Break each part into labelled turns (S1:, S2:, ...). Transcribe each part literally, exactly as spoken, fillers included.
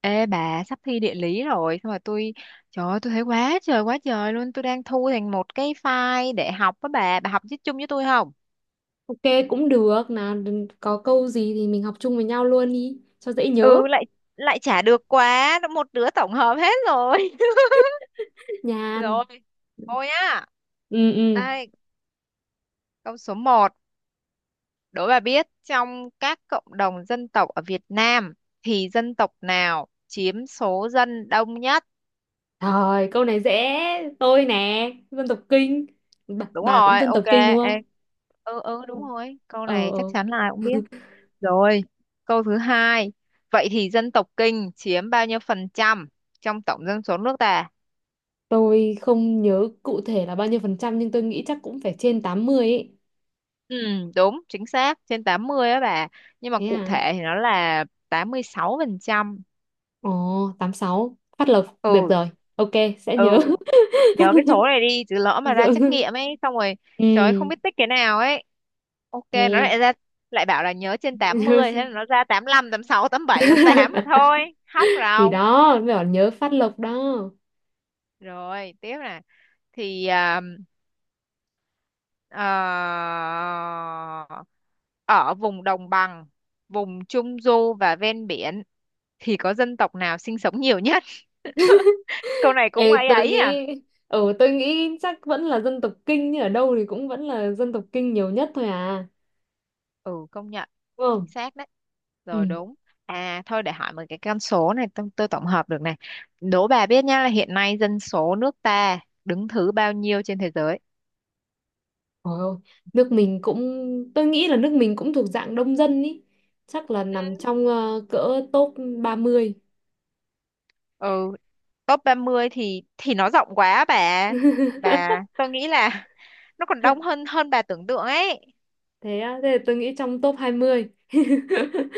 S1: Ê bà, sắp thi địa lý rồi. Xong rồi tôi... Trời ơi, tôi thấy quá trời quá trời luôn. Tôi đang thu thành một cái file để học với bà. Bà học chứ, chung với tôi không?
S2: Ok, cũng được nào. Có câu gì thì mình học chung với nhau luôn đi cho dễ nhớ.
S1: Ừ, lại lại chả được, quá một đứa tổng hợp hết rồi.
S2: Nhàn.
S1: Rồi, thôi nhá.
S2: Ừ, ừ.
S1: Đây, câu số một, đố bà biết trong các cộng đồng dân tộc ở Việt Nam thì dân tộc nào chiếm số dân đông nhất?
S2: Rồi, câu này dễ. Tôi nè, dân tộc Kinh. bà,
S1: Đúng
S2: bà cũng
S1: rồi,
S2: dân
S1: ok.
S2: tộc Kinh đúng
S1: Ê,
S2: không?
S1: Ừ ừ đúng rồi. Câu
S2: Ờ,
S1: này chắc
S2: ờ.
S1: chắn là ai cũng biết. Rồi, câu thứ hai. Vậy thì dân tộc Kinh chiếm bao nhiêu phần trăm trong tổng dân số nước ta?
S2: Tôi không nhớ cụ thể là bao nhiêu phần trăm, nhưng tôi nghĩ chắc cũng phải trên tám mươi ấy.
S1: Ừ, đúng, chính xác, trên tám mươi á bà. Nhưng mà
S2: Thế
S1: cụ
S2: à?
S1: thể thì nó là tám mươi sáu phần trăm.
S2: Ồ, tám sáu phát lộc được
S1: Ừ,
S2: rồi. Ok, sẽ nhớ.
S1: ừ, nhớ cái số này đi, chứ lỡ mà ra trắc
S2: Rồi.
S1: nghiệm ấy, xong rồi
S2: Ừ.
S1: trời ơi, không biết tích cái nào ấy. Ok, nó lại
S2: Ok.
S1: ra lại bảo là nhớ trên tám
S2: Nhớ
S1: mươi, thế là
S2: xem.
S1: nó ra tám lăm, tám sáu, tám bảy, tám là thôi. Hóc
S2: Thì
S1: ròng.
S2: đó mới bảo nhớ Phát Lộc đó.
S1: Rồi, tiếp nè. Thì à, Ờ, ở vùng đồng bằng, vùng trung du và ven biển thì có dân tộc nào sinh sống nhiều nhất? Câu này cũng
S2: Ê,
S1: ấy
S2: tôi
S1: ấy à?
S2: nghĩ, ừ tôi nghĩ chắc vẫn là dân tộc Kinh, ở đâu thì cũng vẫn là dân tộc Kinh nhiều nhất thôi à,
S1: Ừ, công nhận.
S2: đúng không?
S1: Chính xác đấy.
S2: Ừ.
S1: Rồi, đúng. À thôi để hỏi một cái con số này, tôi, tôi tổng hợp được này. Đố bà biết nhá là hiện nay dân số nước ta đứng thứ bao nhiêu trên thế giới?
S2: Ôi, ôi, nước mình cũng, tôi nghĩ là nước mình cũng thuộc dạng đông dân ý, chắc là nằm
S1: Ừ.
S2: trong ờ, cỡ top ba mươi.
S1: Ừ, top ba mươi thì thì nó rộng quá bà. Bà tôi nghĩ là nó còn đông hơn hơn bà tưởng tượng ấy.
S2: Thế á, thế là tôi nghĩ trong top hai mươi.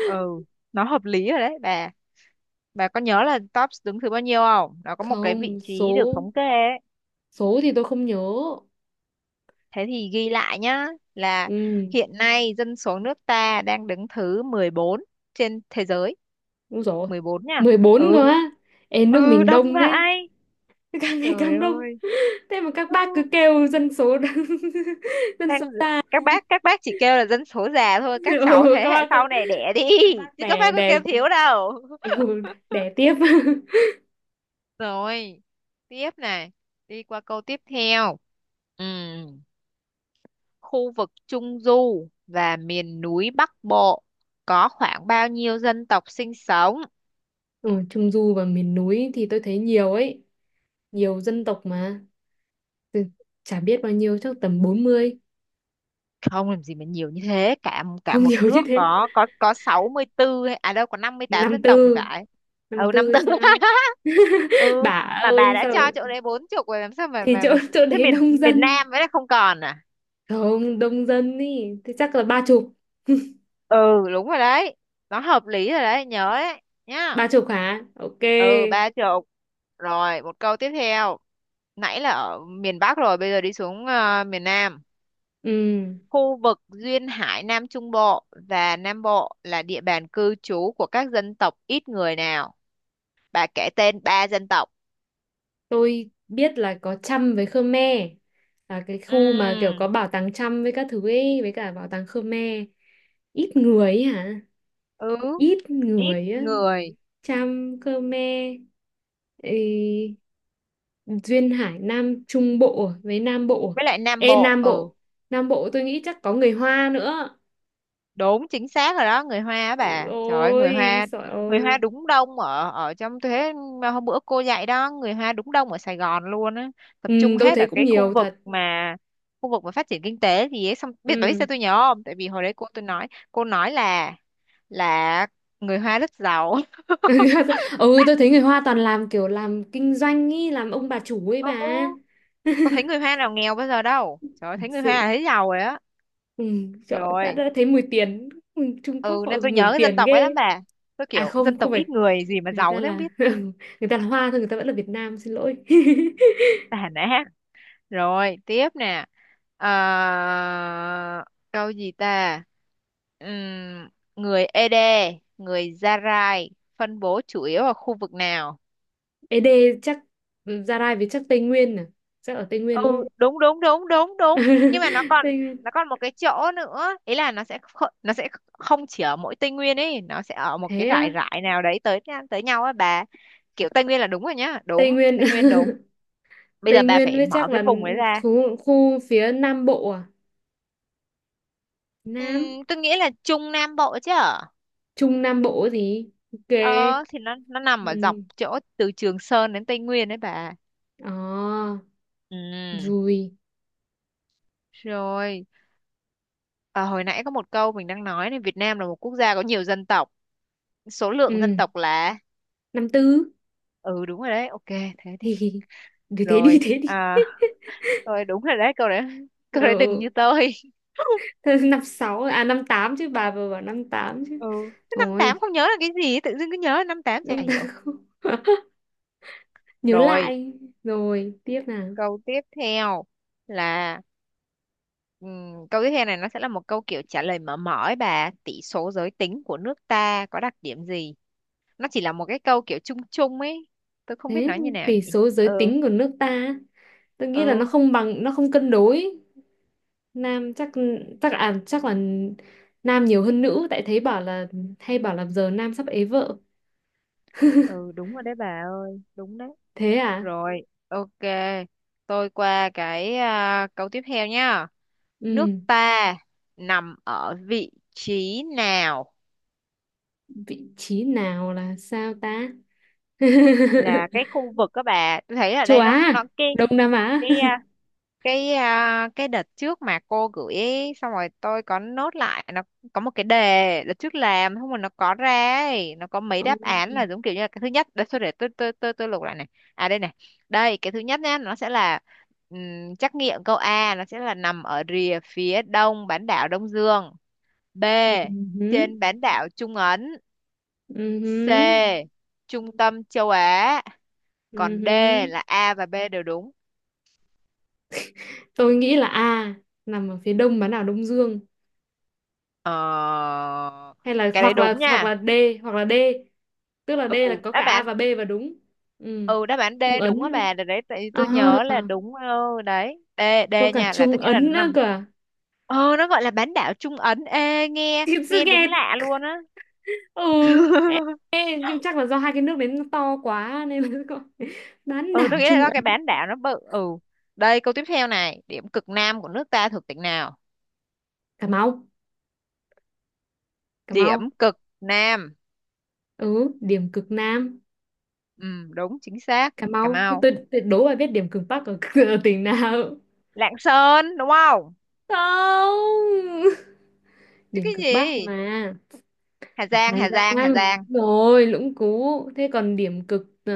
S1: Ừ, nó hợp lý rồi đấy bà bà có nhớ là tops đứng thứ bao nhiêu không, nó có một cái vị
S2: Không,
S1: trí được
S2: số
S1: thống kê ấy.
S2: số thì tôi không nhớ.
S1: Thế thì ghi lại nhá, là
S2: Ừ,
S1: hiện nay dân số nước ta đang đứng thứ mười bốn trên thế giới.
S2: đúng rồi.
S1: Mười bốn nha.
S2: Mười bốn
S1: Ừ,
S2: cơ á? Ê, nước
S1: ừ
S2: mình
S1: đông
S2: đông thế.
S1: vãi.
S2: Càng ngày
S1: Trời
S2: càng đông.
S1: ơi.
S2: Thế mà các
S1: Ừ.
S2: bác cứ kêu dân số. Dân
S1: Đang
S2: số ta.
S1: các bác, các bác chỉ kêu là dân số già thôi, các cháu
S2: Ừ,
S1: thế
S2: các
S1: hệ
S2: bác
S1: sau này đẻ đi,
S2: các bác
S1: chứ các
S2: đẻ
S1: bác có
S2: đẻ.
S1: kêu thiếu đâu.
S2: Ừ, đẻ tiếp.
S1: Rồi, tiếp này, đi qua câu tiếp theo. Ừm, khu vực Trung Du và miền núi Bắc Bộ có khoảng bao nhiêu dân tộc sinh sống?
S2: Ừ, Trung Du và miền núi thì tôi thấy nhiều ấy, nhiều dân tộc mà. Từ- Chả biết bao nhiêu, chắc tầm bốn mươi.
S1: Không làm gì mà nhiều như thế, cả cả
S2: Không, nhiều
S1: một
S2: như
S1: nước
S2: thế?
S1: có có có sáu mươi tư hay- à đâu có năm mươi tám
S2: năm
S1: dân tộc thì
S2: tư
S1: phải.
S2: năm
S1: Ừ,
S2: tư hay
S1: năm mươi tư.
S2: sao?
S1: Ừ,
S2: Bà
S1: mà bà
S2: ơi,
S1: đã
S2: sao lại-
S1: cho chỗ đấy bốn chục rồi làm sao mà
S2: thì
S1: mà,
S2: chỗ
S1: mà
S2: chỗ
S1: thế
S2: đấy
S1: miền
S2: đông
S1: miền
S2: dân.
S1: Nam với lại không còn à?
S2: Không đông dân ý thì chắc là ba chục.
S1: Ừ, đúng rồi đấy. Nó hợp lý rồi đấy, nhớ đấy nhá.
S2: Ba chục hả? Ok.
S1: Ừ, ba chục. Rồi một câu tiếp theo. Nãy là ở miền Bắc rồi, bây giờ đi xuống ờ, miền Nam.
S2: Ừ.
S1: Khu vực duyên hải Nam Trung Bộ và Nam Bộ là địa bàn cư trú của các dân tộc ít người nào, bà kể tên ba dân tộc.
S2: Tôi biết là có Chăm với Khmer, là cái khu mà kiểu
S1: Ừm,
S2: có bảo tàng Chăm với các thứ ấy, với cả bảo tàng Khmer. Ít người ấy hả?
S1: ừ
S2: Ít
S1: ít
S2: người á.
S1: người
S2: Chăm, Khmer. Ừ, Duyên Hải Nam Trung Bộ với Nam Bộ.
S1: với lại Nam
S2: Ê
S1: Bộ,
S2: Nam
S1: ừ
S2: Bộ, Nam Bộ tôi nghĩ chắc có người Hoa nữa.
S1: đúng chính xác rồi đó, người Hoa á bà, trời ơi người
S2: Ôi
S1: Hoa.
S2: trời
S1: Người Hoa
S2: ơi.
S1: đúng đông ở ở trong thế, mà hôm bữa cô dạy đó, người Hoa đúng đông ở Sài Gòn luôn á, tập
S2: Ừ,
S1: trung
S2: tôi
S1: hết
S2: thấy
S1: ở
S2: cũng
S1: cái khu
S2: nhiều
S1: vực
S2: thật.
S1: mà khu vực mà phát triển kinh tế gì ấy. Xong biết bà biết
S2: Ừ.
S1: sao tôi nhớ không, tại vì hồi đấy cô tôi nói, cô nói là là người Hoa rất giàu.
S2: Ừ, tôi thấy người Hoa toàn làm kiểu làm kinh doanh ý, làm ông bà chủ ấy
S1: Ừ,
S2: bà.
S1: có thấy người Hoa nào nghèo bây giờ đâu, trời ơi,
S2: Thật
S1: thấy người
S2: sự.
S1: Hoa là thấy giàu rồi á.
S2: Ừ, trời, đã,
S1: Rồi,
S2: đã thấy mùi tiền. Ừ, Trung Quốc
S1: ừ
S2: họ
S1: nên tôi nhớ
S2: ngửi
S1: cái dân
S2: tiền
S1: tộc ấy
S2: ghê.
S1: lắm bà, tôi
S2: À
S1: kiểu dân
S2: không, không
S1: tộc
S2: phải,
S1: ít người gì mà
S2: người
S1: giàu
S2: ta
S1: thế không
S2: là
S1: biết.
S2: người ta là Hoa thôi, người ta vẫn là Việt Nam, xin lỗi.
S1: Tàn á. Rồi, tiếp nè. Ờ, câu gì ta? Ừm, người Ede, người Zarai phân bố chủ yếu ở khu vực nào?
S2: Ế đê chắc, Gia Rai với chắc Tây Nguyên à, chắc ở Tây Nguyên đúng
S1: Ừ,
S2: không?
S1: đúng đúng đúng đúng đúng. Nhưng mà nó còn
S2: Tây Nguyên.
S1: nó còn một cái chỗ nữa, ý là nó sẽ kh- nó sẽ không chỉ ở mỗi Tây Nguyên ấy, nó sẽ ở một cái
S2: Thế
S1: rải
S2: á.
S1: rải nào đấy tới tới nhau á bà. Kiểu Tây Nguyên là đúng rồi nhá,
S2: Tây
S1: đúng,
S2: Nguyên.
S1: Tây Nguyên đúng. Bây
S2: Tây
S1: giờ bà
S2: Nguyên
S1: phải
S2: với
S1: mở
S2: chắc
S1: cái
S2: là
S1: vùng ấy ra.
S2: khu, khu phía Nam Bộ à, Nam
S1: Ừm, tôi nghĩ là Trung Nam Bộ chứ.
S2: Trung Nam Bộ ấy gì. Ok.
S1: Ờ, thì nó nó nằm ở
S2: Ừ.
S1: dọc chỗ từ Trường Sơn đến Tây Nguyên đấy bà.
S2: À,
S1: Ừ.
S2: rồi.
S1: Rồi, à, hồi nãy có một câu mình đang nói này, Việt Nam là một quốc gia có nhiều dân tộc. Số lượng
S2: Ừ.
S1: dân tộc là...
S2: Năm tư.
S1: Ừ đúng rồi đấy, ok thế đi.
S2: thì thì thế đi.
S1: Rồi,
S2: Thế đi.
S1: à rồi đúng rồi đấy, câu đấy.
S2: Ừ.
S1: Câu đấy đừng
S2: Ừ.
S1: như tôi.
S2: Thôi, năm sáu à năm tám chứ, bà vừa bảo năm tám chứ.
S1: Ừ, cái năm tám
S2: Rồi,
S1: không nhớ là cái gì, tự dưng cứ nhớ năm tám chả
S2: năm
S1: hiểu.
S2: tám. Nhớ
S1: Rồi,
S2: lại. Rồi, tiếp nào.
S1: câu tiếp theo là Ừm, câu tiếp theo này nó sẽ là một câu kiểu trả lời mở mở ấy bà. Tỷ số giới tính của nước ta có đặc điểm gì? Nó chỉ là một cái câu kiểu chung chung ấy. Tôi không biết
S2: Thế
S1: nói như nào
S2: tỷ
S1: nhỉ.
S2: số giới
S1: Ừ.
S2: tính của nước ta, tôi nghĩ là nó
S1: Ừ,
S2: không bằng, nó không cân đối. Nam chắc chắc à chắc là nam nhiều hơn nữ, tại thấy bảo là hay bảo là giờ nam sắp ế vợ.
S1: ừ đúng rồi đấy bà ơi, đúng đấy.
S2: Thế à?
S1: Rồi, ok. Tôi qua cái à, câu tiếp theo nhá. Nước
S2: Ừ,
S1: ta nằm ở vị trí nào?
S2: vị trí nào là sao ta?
S1: Là cái khu vực, các bà tôi thấy ở
S2: Châu
S1: đây nó
S2: Á,
S1: nó cái
S2: Đông Nam Á.
S1: cái à, cái à, cái đợt trước mà cô gửi ấy, xong rồi tôi có nốt lại nó, có một cái đề đợt trước làm không mà nó có ra ấy, nó có mấy đáp án là giống kiểu như là cái thứ nhất, để tôi để tôi tôi tôi tôi lục lại này. À đây này, đây cái thứ nhất nhá, nó sẽ là ừm, trắc nghiệm câu A nó sẽ là nằm ở rìa phía đông bán đảo Đông Dương, B
S2: Ừ, ừ,
S1: trên bán đảo Trung Ấn,
S2: ừ,
S1: C trung tâm châu Á,
S2: ừ,
S1: còn D
S2: ừ.
S1: là A và B đều đúng.
S2: Tôi nghĩ là A, nằm ở phía đông bán đảo Đông Dương,
S1: Ờ,
S2: hay là
S1: cái đấy
S2: hoặc là
S1: đúng
S2: hoặc
S1: nha.
S2: là D, hoặc là D tức là D
S1: ừ
S2: là có cả
S1: đáp
S2: A
S1: án
S2: và B và đúng. Ừ,
S1: ừ đáp án D
S2: Trung Ấn
S1: đúng á
S2: nữa.
S1: bà, để đấy tại vì
S2: À,
S1: tôi nhớ là đúng. Ừ, đấy D. D
S2: có cả
S1: nha, là
S2: Trung
S1: tôi nghĩ là nó
S2: Ấn nữa
S1: nằm...
S2: cơ à?
S1: Ờ, nó gọi là bán đảo Trung Ấn, ê nghe
S2: Thiệt sự
S1: nghe đúng
S2: nghe.
S1: lạ luôn á.
S2: Ừ. Ê, nhưng chắc là do hai cái nước đấy nó to quá nên là gọi bán
S1: Ừ,
S2: đảo
S1: tôi nghĩ là
S2: Trung
S1: do
S2: Á.
S1: cái bán đảo nó bự. Ừ, đây câu tiếp theo này, điểm cực nam của nước ta thuộc tỉnh nào?
S2: Cà Mau. Cà
S1: Điểm
S2: Mau.
S1: cực nam.
S2: Ừ, điểm cực Nam.
S1: Ừ, đúng chính xác.
S2: Cà
S1: Cà
S2: Mau. Thế
S1: Mau,
S2: tôi tuyệt đố bà biết điểm cực Bắc ở, ở tỉnh nào?
S1: Lạng Sơn đúng không?
S2: Không,
S1: Chứ
S2: điểm
S1: cái
S2: cực Bắc
S1: gì...
S2: mà. Ở
S1: Hà Giang,
S2: Hà
S1: Hà
S2: Giang,
S1: Giang, Hà
S2: đúng
S1: Giang.
S2: rồi. Lũng Cú. Thế còn điểm cực ờ,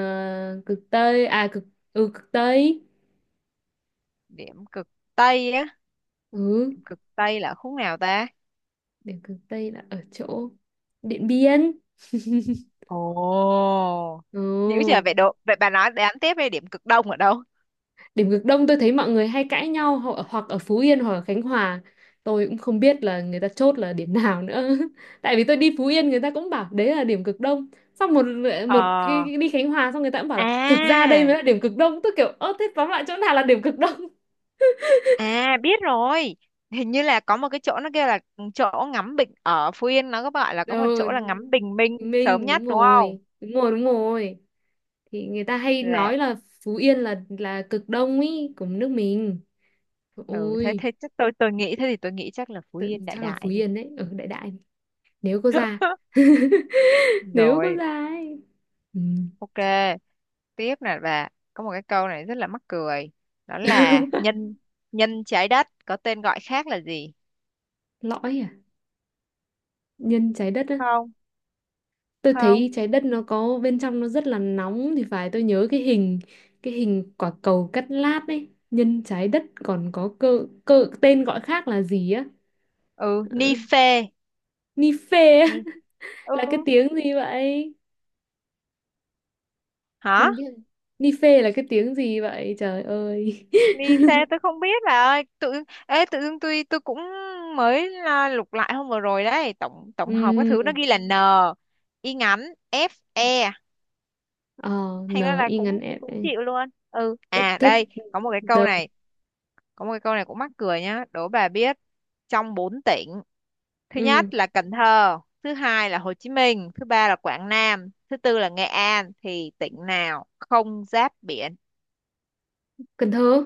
S2: cực Tây à, cực. Ừ, cực Tây.
S1: Điểm cực Tây á,
S2: Ừ,
S1: điểm cực Tây là khúc nào ta?
S2: điểm cực Tây là ở chỗ Điện Biên.
S1: Ồ,
S2: Ừ.
S1: dữ giờ vậy độ vậy bà, nói đếm tiếp đi, điểm cực đông ở đâu?
S2: Điểm cực Đông tôi thấy mọi người hay cãi nhau, ho- hoặc ở Phú Yên hoặc ở Khánh Hòa. Tôi cũng không biết là người ta chốt là điểm nào nữa. Tại vì tôi đi Phú Yên người ta cũng bảo đấy là điểm cực Đông. Xong một
S1: Ờ,
S2: một cái, cái đi Khánh Hòa xong người ta cũng bảo là thực ra đây mới
S1: à,
S2: là điểm cực Đông. Tôi kiểu ơ thế tóm lại chỗ nào là điểm cực Đông?
S1: à biết rồi. Hình như là có một cái chỗ nó kêu là chỗ ngắm bình ở Phú Yên, nó có gọi là có một
S2: Ừ,
S1: chỗ là ngắm bình minh sớm
S2: Minh
S1: nhất
S2: đúng
S1: đúng không?
S2: rồi. Đúng rồi, đúng rồi. Thì người ta hay
S1: Là...
S2: nói là Phú Yên là là cực Đông ý của nước mình.
S1: Ừ, thế
S2: Ôi,
S1: thế chắc tôi tôi nghĩ thế thì tôi nghĩ chắc là Phú
S2: tự-
S1: Yên đại
S2: chắc là Phú
S1: đại đi.
S2: Yên đấy. Ở đại đại, nếu có da nếu có
S1: Rồi,
S2: da ấy. Ừ.
S1: ok. Tiếp nè bà, có một cái câu này rất là mắc cười. Đó là nhân nhân trái đất có tên gọi khác là gì?
S2: Lõi à? Nhân trái đất á,
S1: Không.
S2: tôi
S1: Không.
S2: thấy trái đất nó có bên trong nó rất là nóng thì phải. Tôi nhớ cái hình cái hình quả cầu cắt lát ấy. Nhân trái đất còn có cơ cơ tên gọi khác là gì á?
S1: Ừ,
S2: Ờ,
S1: ni phê.
S2: ni phê á,
S1: Ni-,
S2: là cái
S1: ừ,
S2: tiếng gì vậy? Không
S1: hả?
S2: biết. Ni phê là cái tiếng gì vậy, trời ơi?
S1: Ni phê tôi không biết bà ơi, tự ê tự dưng tôi tôi cũng mới à, lục lại hôm vừa rồi đấy, tổng tổng hợp cái thứ nó
S2: Ừ.
S1: ghi là n y ngắn f e,
S2: Ờ, n
S1: thành ra là
S2: i ngắn
S1: cũng
S2: f.
S1: cũng chịu luôn. Ừ
S2: thế
S1: à đây
S2: thế
S1: có một cái câu
S2: đâu.
S1: này, có một cái câu này cũng mắc cười nhá, đố bà biết trong bốn tỉnh, thứ nhất
S2: Ừ.
S1: là Cần Thơ, thứ hai là Hồ Chí Minh, thứ ba là Quảng Nam, thứ tư là Nghệ An, thì tỉnh nào không giáp biển?
S2: Cần Thơ.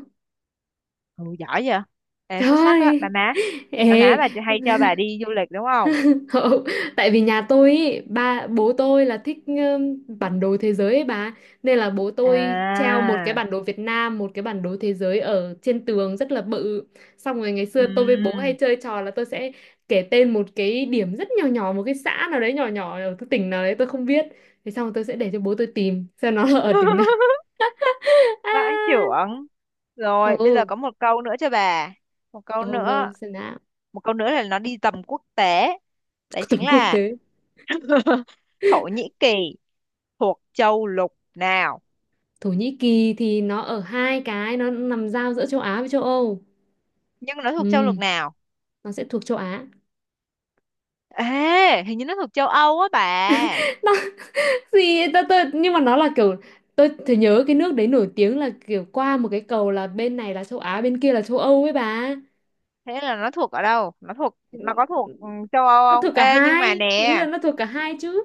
S1: Ừ, giỏi vậy. Ê, xuất sắc á. Bà
S2: Thôi
S1: má.
S2: ơi,
S1: Bà má
S2: ê,
S1: bà hay cho bà đi du lịch đúng không?
S2: không, tại vì nhà tôi ý, ba bố tôi là thích ừm, bản đồ thế giới ấy bà, nên là bố tôi treo một cái
S1: À.
S2: bản đồ Việt Nam, một cái bản đồ thế giới ở trên tường rất là bự. Xong rồi ngày xưa tôi với bố hay
S1: ừm.
S2: chơi trò là tôi sẽ kể tên một cái điểm rất nhỏ nhỏ, một cái xã nào đấy nhỏ nhỏ ở cái tỉnh nào đấy tôi không biết. Thế xong rồi tôi sẽ để cho bố tôi tìm xem nó là ở tỉnh nào.
S1: Vãi chưởng.
S2: À,
S1: Rồi bây giờ
S2: ừ,
S1: có một câu nữa cho bà, một câu
S2: ở đâu
S1: nữa,
S2: xem nào.
S1: một câu nữa là nó đi tầm quốc tế, đấy chính
S2: Tầm quốc
S1: là
S2: tế.
S1: Thổ Nhĩ Kỳ thuộc châu lục nào?
S2: Thổ Nhĩ Kỳ thì nó ở hai cái, nó nằm giao giữa châu Á với châu Âu.
S1: Nhưng nó thuộc châu
S2: Ừ,
S1: lục nào?
S2: nó sẽ thuộc châu Á.
S1: Ê, hình như nó thuộc châu Âu á bà.
S2: Nó, gì, tôi, tôi, nhưng mà nó là kiểu, tôi thì nhớ cái nước đấy nổi tiếng là kiểu qua một cái cầu là bên này là châu Á bên kia là châu Âu ấy bà.
S1: Thế là nó thuộc ở đâu, nó thuộc,
S2: Ừ,
S1: nó có thuộc ừ, châu Âu
S2: nó
S1: không?
S2: thuộc cả
S1: Ê nhưng mà
S2: hai, ý
S1: nè...
S2: là nó thuộc cả hai chứ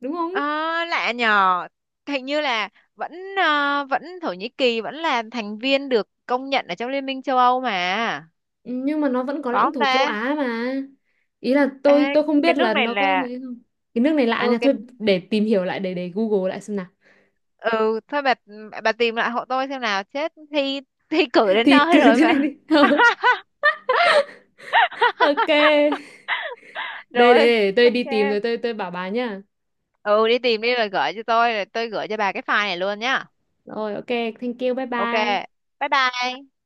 S2: đúng không?
S1: Ờ, lạ nhờ. Hình như là vẫn ờ, vẫn Thổ Nhĩ Kỳ vẫn là thành viên được công nhận ở trong Liên minh châu Âu mà.
S2: Ừ, nhưng mà nó vẫn có
S1: Có
S2: lãnh
S1: không
S2: thổ châu
S1: ta?
S2: Á mà, ý là tôi
S1: Ê,
S2: tôi không
S1: cái
S2: biết
S1: nước
S2: là
S1: này
S2: nó có
S1: là...
S2: gì không. Cái nước này lạ
S1: Ừ
S2: nha,
S1: cái...
S2: thôi để tìm hiểu lại, để để Google lại xem nào.
S1: Ừ thôi bà bà tìm lại hộ tôi xem nào, chết thi thi cử đến
S2: Thì
S1: nơi
S2: cứ
S1: rồi
S2: thế này
S1: mà.
S2: đi. Ok. Đây đây,
S1: Rồi,
S2: để tôi đi
S1: ok.
S2: tìm rồi tôi tôi bảo bà nhá.
S1: Ừ đi tìm đi, rồi gửi cho tôi, rồi tôi gửi cho bà cái file này luôn nhá.
S2: Rồi, ok. Thank you, bye
S1: Ok,
S2: bye.
S1: bye bye.